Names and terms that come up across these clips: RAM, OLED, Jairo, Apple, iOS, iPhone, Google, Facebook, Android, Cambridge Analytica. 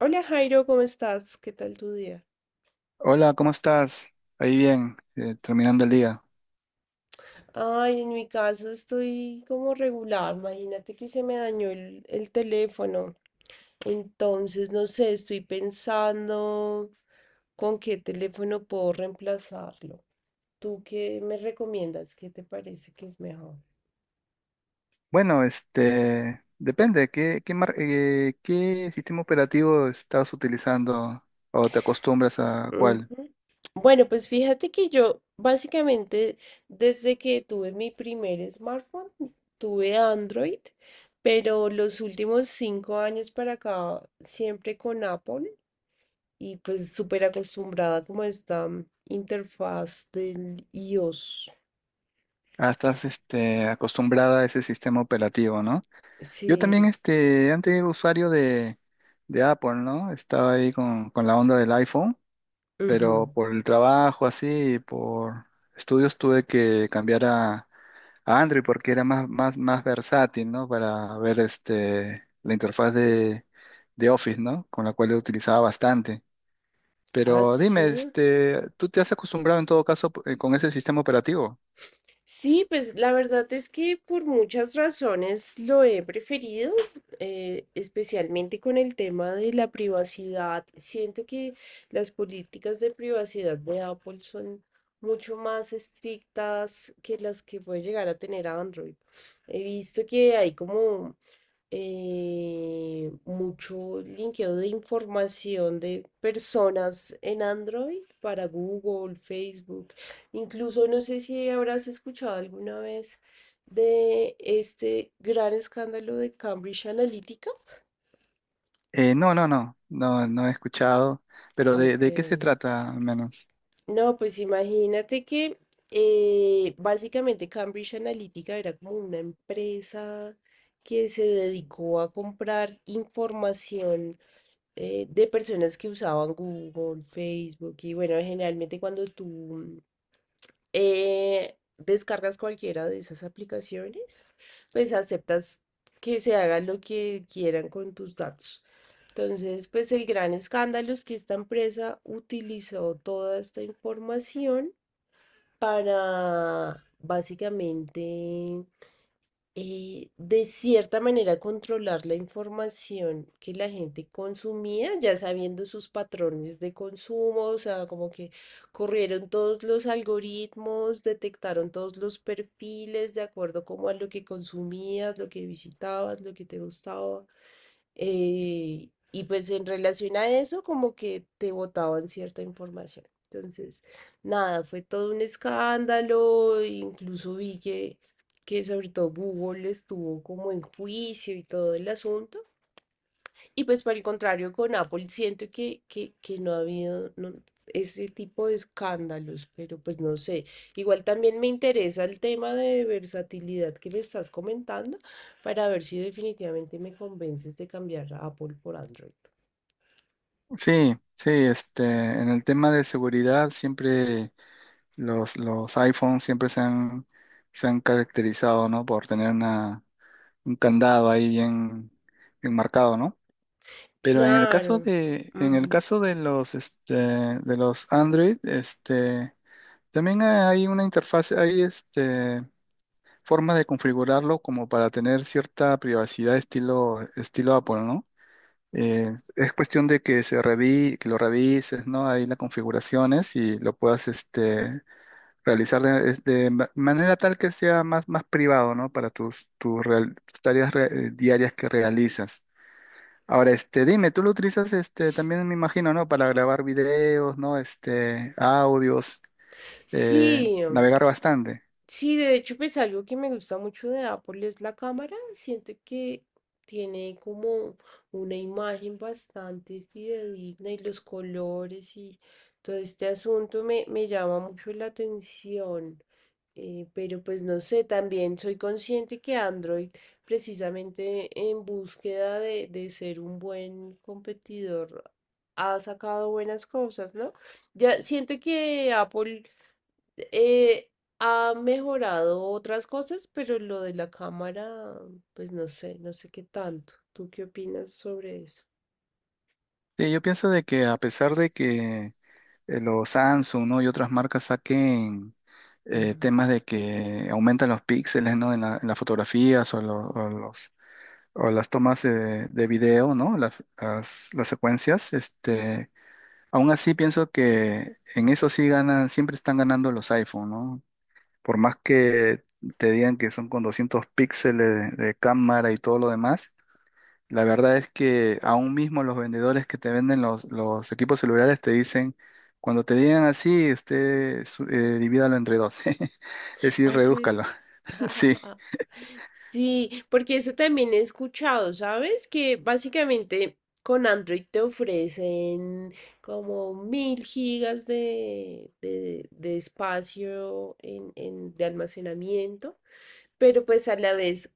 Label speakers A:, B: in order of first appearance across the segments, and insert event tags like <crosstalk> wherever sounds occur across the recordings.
A: Hola Jairo, ¿cómo estás? ¿Qué tal tu día?
B: Hola, ¿cómo estás? Ahí bien, terminando el día.
A: Ay, en mi caso estoy como regular. Imagínate que se me dañó el teléfono. Entonces, no sé, estoy pensando con qué teléfono puedo reemplazarlo. ¿Tú qué me recomiendas? ¿Qué te parece que es mejor?
B: Bueno, depende, ¿ qué sistema operativo estás utilizando o te acostumbras a
A: Ujú.
B: cuál?
A: Bueno, pues fíjate que yo básicamente desde que tuve mi primer smartphone, tuve Android, pero los últimos 5 años para acá siempre con Apple y pues súper acostumbrada como a esta interfaz del iOS.
B: Ah, estás acostumbrada a ese sistema operativo, ¿no? Yo también
A: Sí.
B: antes era usuario de Apple, ¿no? Estaba ahí con la onda del iPhone,
A: Ujú.
B: pero por el trabajo así, y por estudios tuve que cambiar a Android porque era más, más, más versátil, ¿no? Para ver la interfaz de Office, ¿no? Con la cual lo utilizaba bastante.
A: Ah,
B: Pero dime,
A: sí.
B: ¿tú te has acostumbrado en todo caso con ese sistema operativo?
A: Sí, pues la verdad es que por muchas razones lo he preferido, especialmente con el tema de la privacidad. Siento que las políticas de privacidad de Apple son mucho más estrictas que las que puede llegar a tener Android. He visto que hay como mucho linkeo de información de personas en Android para Google, Facebook. Incluso no sé si habrás escuchado alguna vez de este gran escándalo de Cambridge Analytica.
B: No, no, no, no, no he escuchado. Pero ¿
A: Ok.
B: de qué se trata al menos?
A: No, pues imagínate que básicamente Cambridge Analytica era como una empresa que se dedicó a comprar información, de personas que usaban Google, Facebook y bueno, generalmente cuando tú descargas cualquiera de esas aplicaciones, pues aceptas que se haga lo que quieran con tus datos. Entonces, pues el gran escándalo es que esta empresa utilizó toda esta información para básicamente, de cierta manera, controlar la información que la gente consumía, ya sabiendo sus patrones de consumo, o sea, como que corrieron todos los algoritmos, detectaron todos los perfiles de acuerdo como a lo que consumías, lo que visitabas, lo que te gustaba, y pues en relación a eso, como que te botaban cierta información. Entonces, nada, fue todo un escándalo, incluso vi que sobre todo Google estuvo como en juicio y todo el asunto. Y pues por el contrario, con Apple siento que no ha habido no, ese tipo de escándalos, pero pues no sé. Igual también me interesa el tema de versatilidad que me estás comentando para ver si definitivamente me convences de cambiar a Apple por Android.
B: Sí, sí, en el tema de seguridad siempre los iPhones siempre se han caracterizado, ¿no? Por tener una, un candado ahí bien, bien marcado, ¿no? Pero
A: Claro.
B: en el
A: Ujú.
B: caso de los, de los Android, también hay una interfaz, hay forma de configurarlo como para tener cierta privacidad estilo, estilo Apple, ¿no? Es cuestión de que que lo revises, ¿no? Ahí las configuraciones y lo puedas, realizar de manera tal que sea más, más privado, ¿no? Para tus tareas diarias que realizas. Ahora, dime, tú lo utilizas, también me imagino, ¿no? Para grabar videos, ¿no? Este, audios,
A: Sí,
B: navegar bastante.
A: sí, de hecho, pues algo que me gusta mucho de Apple es la cámara. Siento que tiene como una imagen bastante fidedigna y los colores y todo este asunto me llama mucho la atención. Pero pues no sé, también soy consciente que Android, precisamente en búsqueda de ser un buen competidor, ha sacado buenas cosas, ¿no? Ya siento que Apple eh, ha mejorado otras cosas, pero lo de la cámara, pues no sé, no sé qué tanto. ¿Tú qué opinas sobre eso?
B: Sí, yo pienso de que a pesar de que los Samsung, ¿no? Y otras marcas saquen
A: Ujú.
B: temas de que aumentan los píxeles, ¿no? En las fotografías o los, o las tomas de video, ¿no? Las secuencias, aún así pienso que en eso sí ganan, siempre están ganando los iPhone, ¿no? Por más que te digan que son con 200 píxeles de cámara y todo lo demás, la verdad es que aún mismo los vendedores que te venden los equipos celulares te dicen, cuando te digan así, divídalo entre dos, <laughs> es decir,
A: Ah, sí.
B: redúzcalo. <laughs> Sí.
A: <laughs> Sí, porque eso también he escuchado, ¿sabes? Que básicamente con Android te ofrecen como 1000 gigas de espacio de almacenamiento. Pero pues a la vez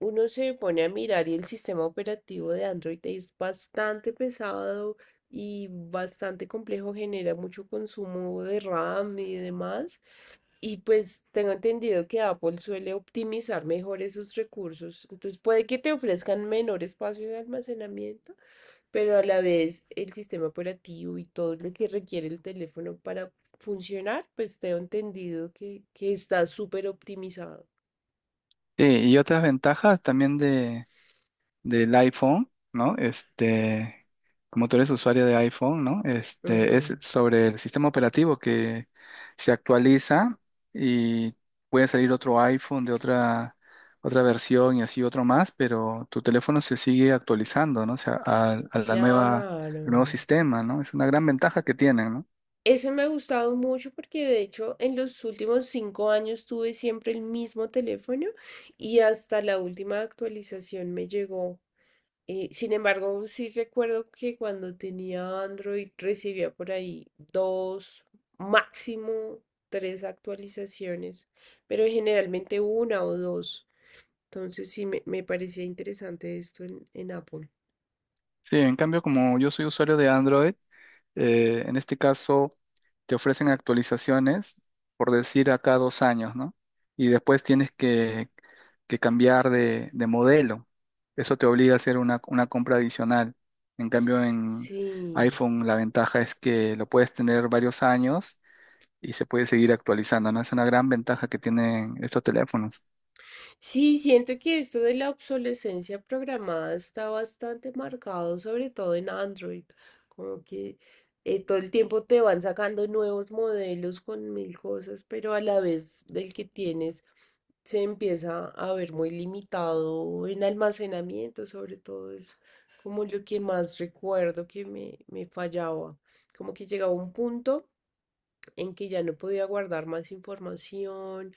A: uno se pone a mirar y el sistema operativo de Android es bastante pesado y bastante complejo, genera mucho consumo de RAM y demás. Y pues tengo entendido que Apple suele optimizar mejor esos recursos. Entonces puede que te ofrezcan menor espacio de almacenamiento, pero a la vez el sistema operativo y todo lo que requiere el teléfono para funcionar, pues tengo entendido que está súper optimizado.
B: Sí, y otras ventajas también del iPhone, ¿no? Este, como tú eres usuario de iPhone, ¿no? Este, es sobre el sistema operativo que se actualiza y puede salir otro iPhone de otra, otra versión y así otro más, pero tu teléfono se sigue actualizando, ¿no? O sea, la nueva, el nuevo
A: Claro.
B: sistema, ¿no? Es una gran ventaja que tienen, ¿no?
A: Eso me ha gustado mucho porque de hecho en los últimos 5 años tuve siempre el mismo teléfono y hasta la última actualización me llegó. Sin embargo, sí recuerdo que cuando tenía Android recibía por ahí dos, máximo tres actualizaciones, pero generalmente una o dos. Entonces sí me parecía interesante esto en Apple.
B: Sí, en cambio, como yo soy usuario de Android, en este caso, te ofrecen actualizaciones, por decir, a cada dos años, ¿no? Y después que cambiar de modelo. Eso te obliga a hacer una compra adicional. En cambio, en
A: Sí.
B: iPhone la ventaja es que lo puedes tener varios años y se puede seguir actualizando, ¿no? Es una gran ventaja que tienen estos teléfonos.
A: Sí, siento que esto de la obsolescencia programada está bastante marcado, sobre todo en Android, como que todo el tiempo te van sacando nuevos modelos con mil cosas, pero a la vez del que tienes se empieza a ver muy limitado en almacenamiento, sobre todo es como lo que más recuerdo que me fallaba, como que llegaba un punto en que ya no podía guardar más información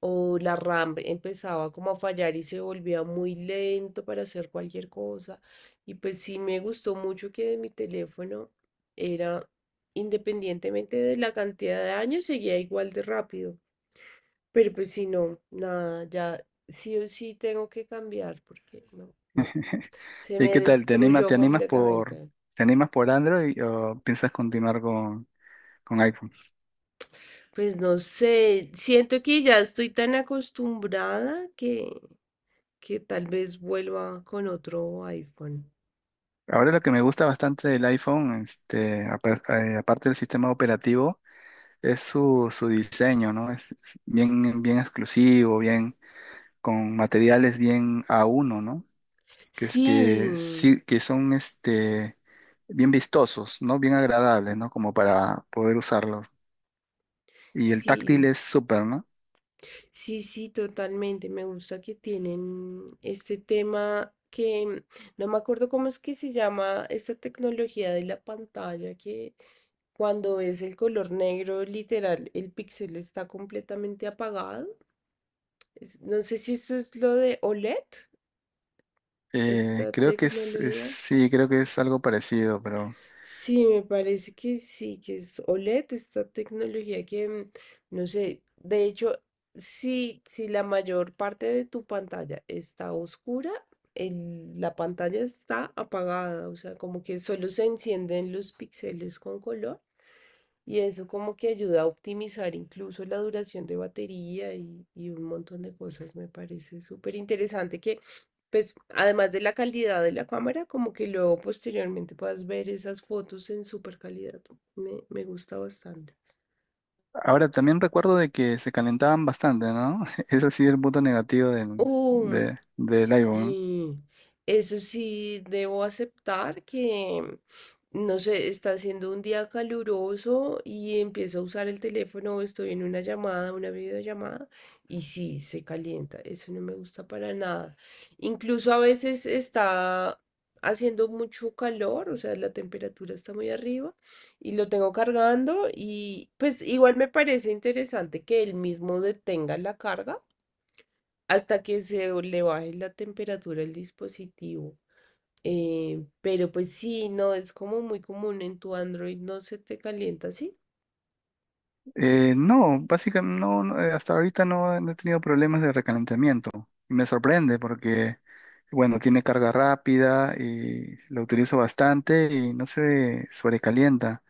A: o la RAM empezaba como a fallar y se volvía muy lento para hacer cualquier cosa. Y pues sí me gustó mucho que de mi teléfono era, independientemente de la cantidad de años, seguía igual de rápido. Pero pues si no, nada, ya sí o sí tengo que cambiar porque no, no,
B: <laughs>
A: se
B: ¿Y
A: me
B: qué tal? ¿
A: destruyó
B: te animas por
A: completamente.
B: te animas por Android o piensas continuar con iPhone?
A: Pues no sé, siento que ya estoy tan acostumbrada que tal vez vuelva con otro iPhone.
B: Ahora lo que me gusta bastante del iPhone, aparte del sistema operativo, es su, su diseño, ¿no? Es bien, bien exclusivo, bien, con materiales bien a uno, ¿no? Que es
A: Sí,
B: que sí, que son bien vistosos, ¿no? Bien agradables, ¿no? Como para poder usarlos. Y el táctil
A: sí,
B: es súper, ¿no?
A: sí, sí, totalmente. Me gusta que tienen este tema que no me acuerdo cómo es que se llama esta tecnología de la pantalla que cuando es el color negro, literal, el píxel está completamente apagado. No sé si esto es lo de OLED. Esta
B: Creo que
A: tecnología,
B: sí, creo que es algo parecido, pero
A: sí, me parece que sí, que es OLED, esta tecnología que, no sé, de hecho, sí, si la mayor parte de tu pantalla está oscura, la pantalla está apagada, o sea, como que solo se encienden los píxeles con color y eso como que ayuda a optimizar incluso la duración de batería y un montón de cosas. Me parece súper interesante que, pues, además de la calidad de la cámara, como que luego posteriormente puedas ver esas fotos en súper calidad. Me gusta bastante.
B: ahora también recuerdo de que se calentaban bastante, ¿no? <laughs> Ese sí es el punto negativo
A: Uh,
B: del iPhone.
A: sí, eso sí, debo aceptar que, no sé, está haciendo un día caluroso y empiezo a usar el teléfono, estoy en una llamada, una videollamada, y sí, se calienta, eso no me gusta para nada. Incluso a veces está haciendo mucho calor, o sea, la temperatura está muy arriba y lo tengo cargando y pues igual me parece interesante que él mismo detenga la carga hasta que se le baje la temperatura al dispositivo. Pero pues sí, no, es como muy común en tu Android, no se te calienta ¿sí?
B: No, básicamente no, no, hasta ahorita no, he no he tenido problemas de recalentamiento. Y me sorprende porque, bueno, tiene carga rápida y lo utilizo bastante y no se sobrecalienta.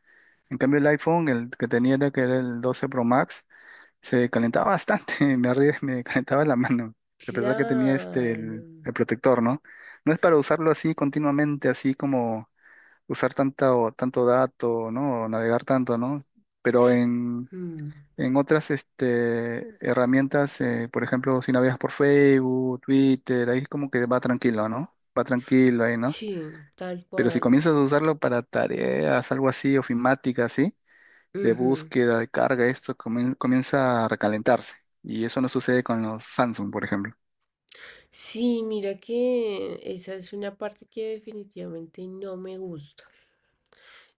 B: En cambio el iPhone, el que tenía era el 12 Pro Max. Se calentaba bastante, <laughs> me ardía, me calentaba la mano, a pesar que tenía
A: Claro.
B: el protector, ¿no? No es para usarlo así continuamente, así como usar tanto, tanto dato, ¿no? O navegar tanto, ¿no? Pero en,
A: Mm,
B: en otras herramientas, por ejemplo, si navegas por Facebook, Twitter, ahí es como que va tranquilo, ¿no? Va tranquilo ahí, ¿no?
A: sí, tal
B: Pero si
A: cual.
B: comienzas a usarlo para tareas, algo así, ofimática, así de
A: Ujú.
B: búsqueda, de carga, comienza a recalentarse. Y eso no sucede con los Samsung, por ejemplo.
A: Sí, mira que esa es una parte que definitivamente no me gusta.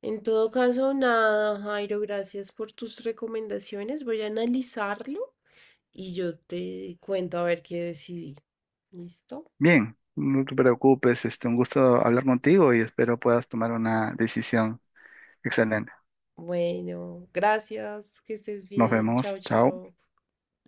A: En todo caso, nada, Jairo, gracias por tus recomendaciones. Voy a analizarlo y yo te cuento a ver qué decidí. ¿Listo?
B: Bien, no te preocupes, un gusto hablar contigo y espero puedas tomar una decisión excelente.
A: Bueno, gracias, que estés
B: Nos
A: bien. Chao,
B: vemos, chao.
A: chao.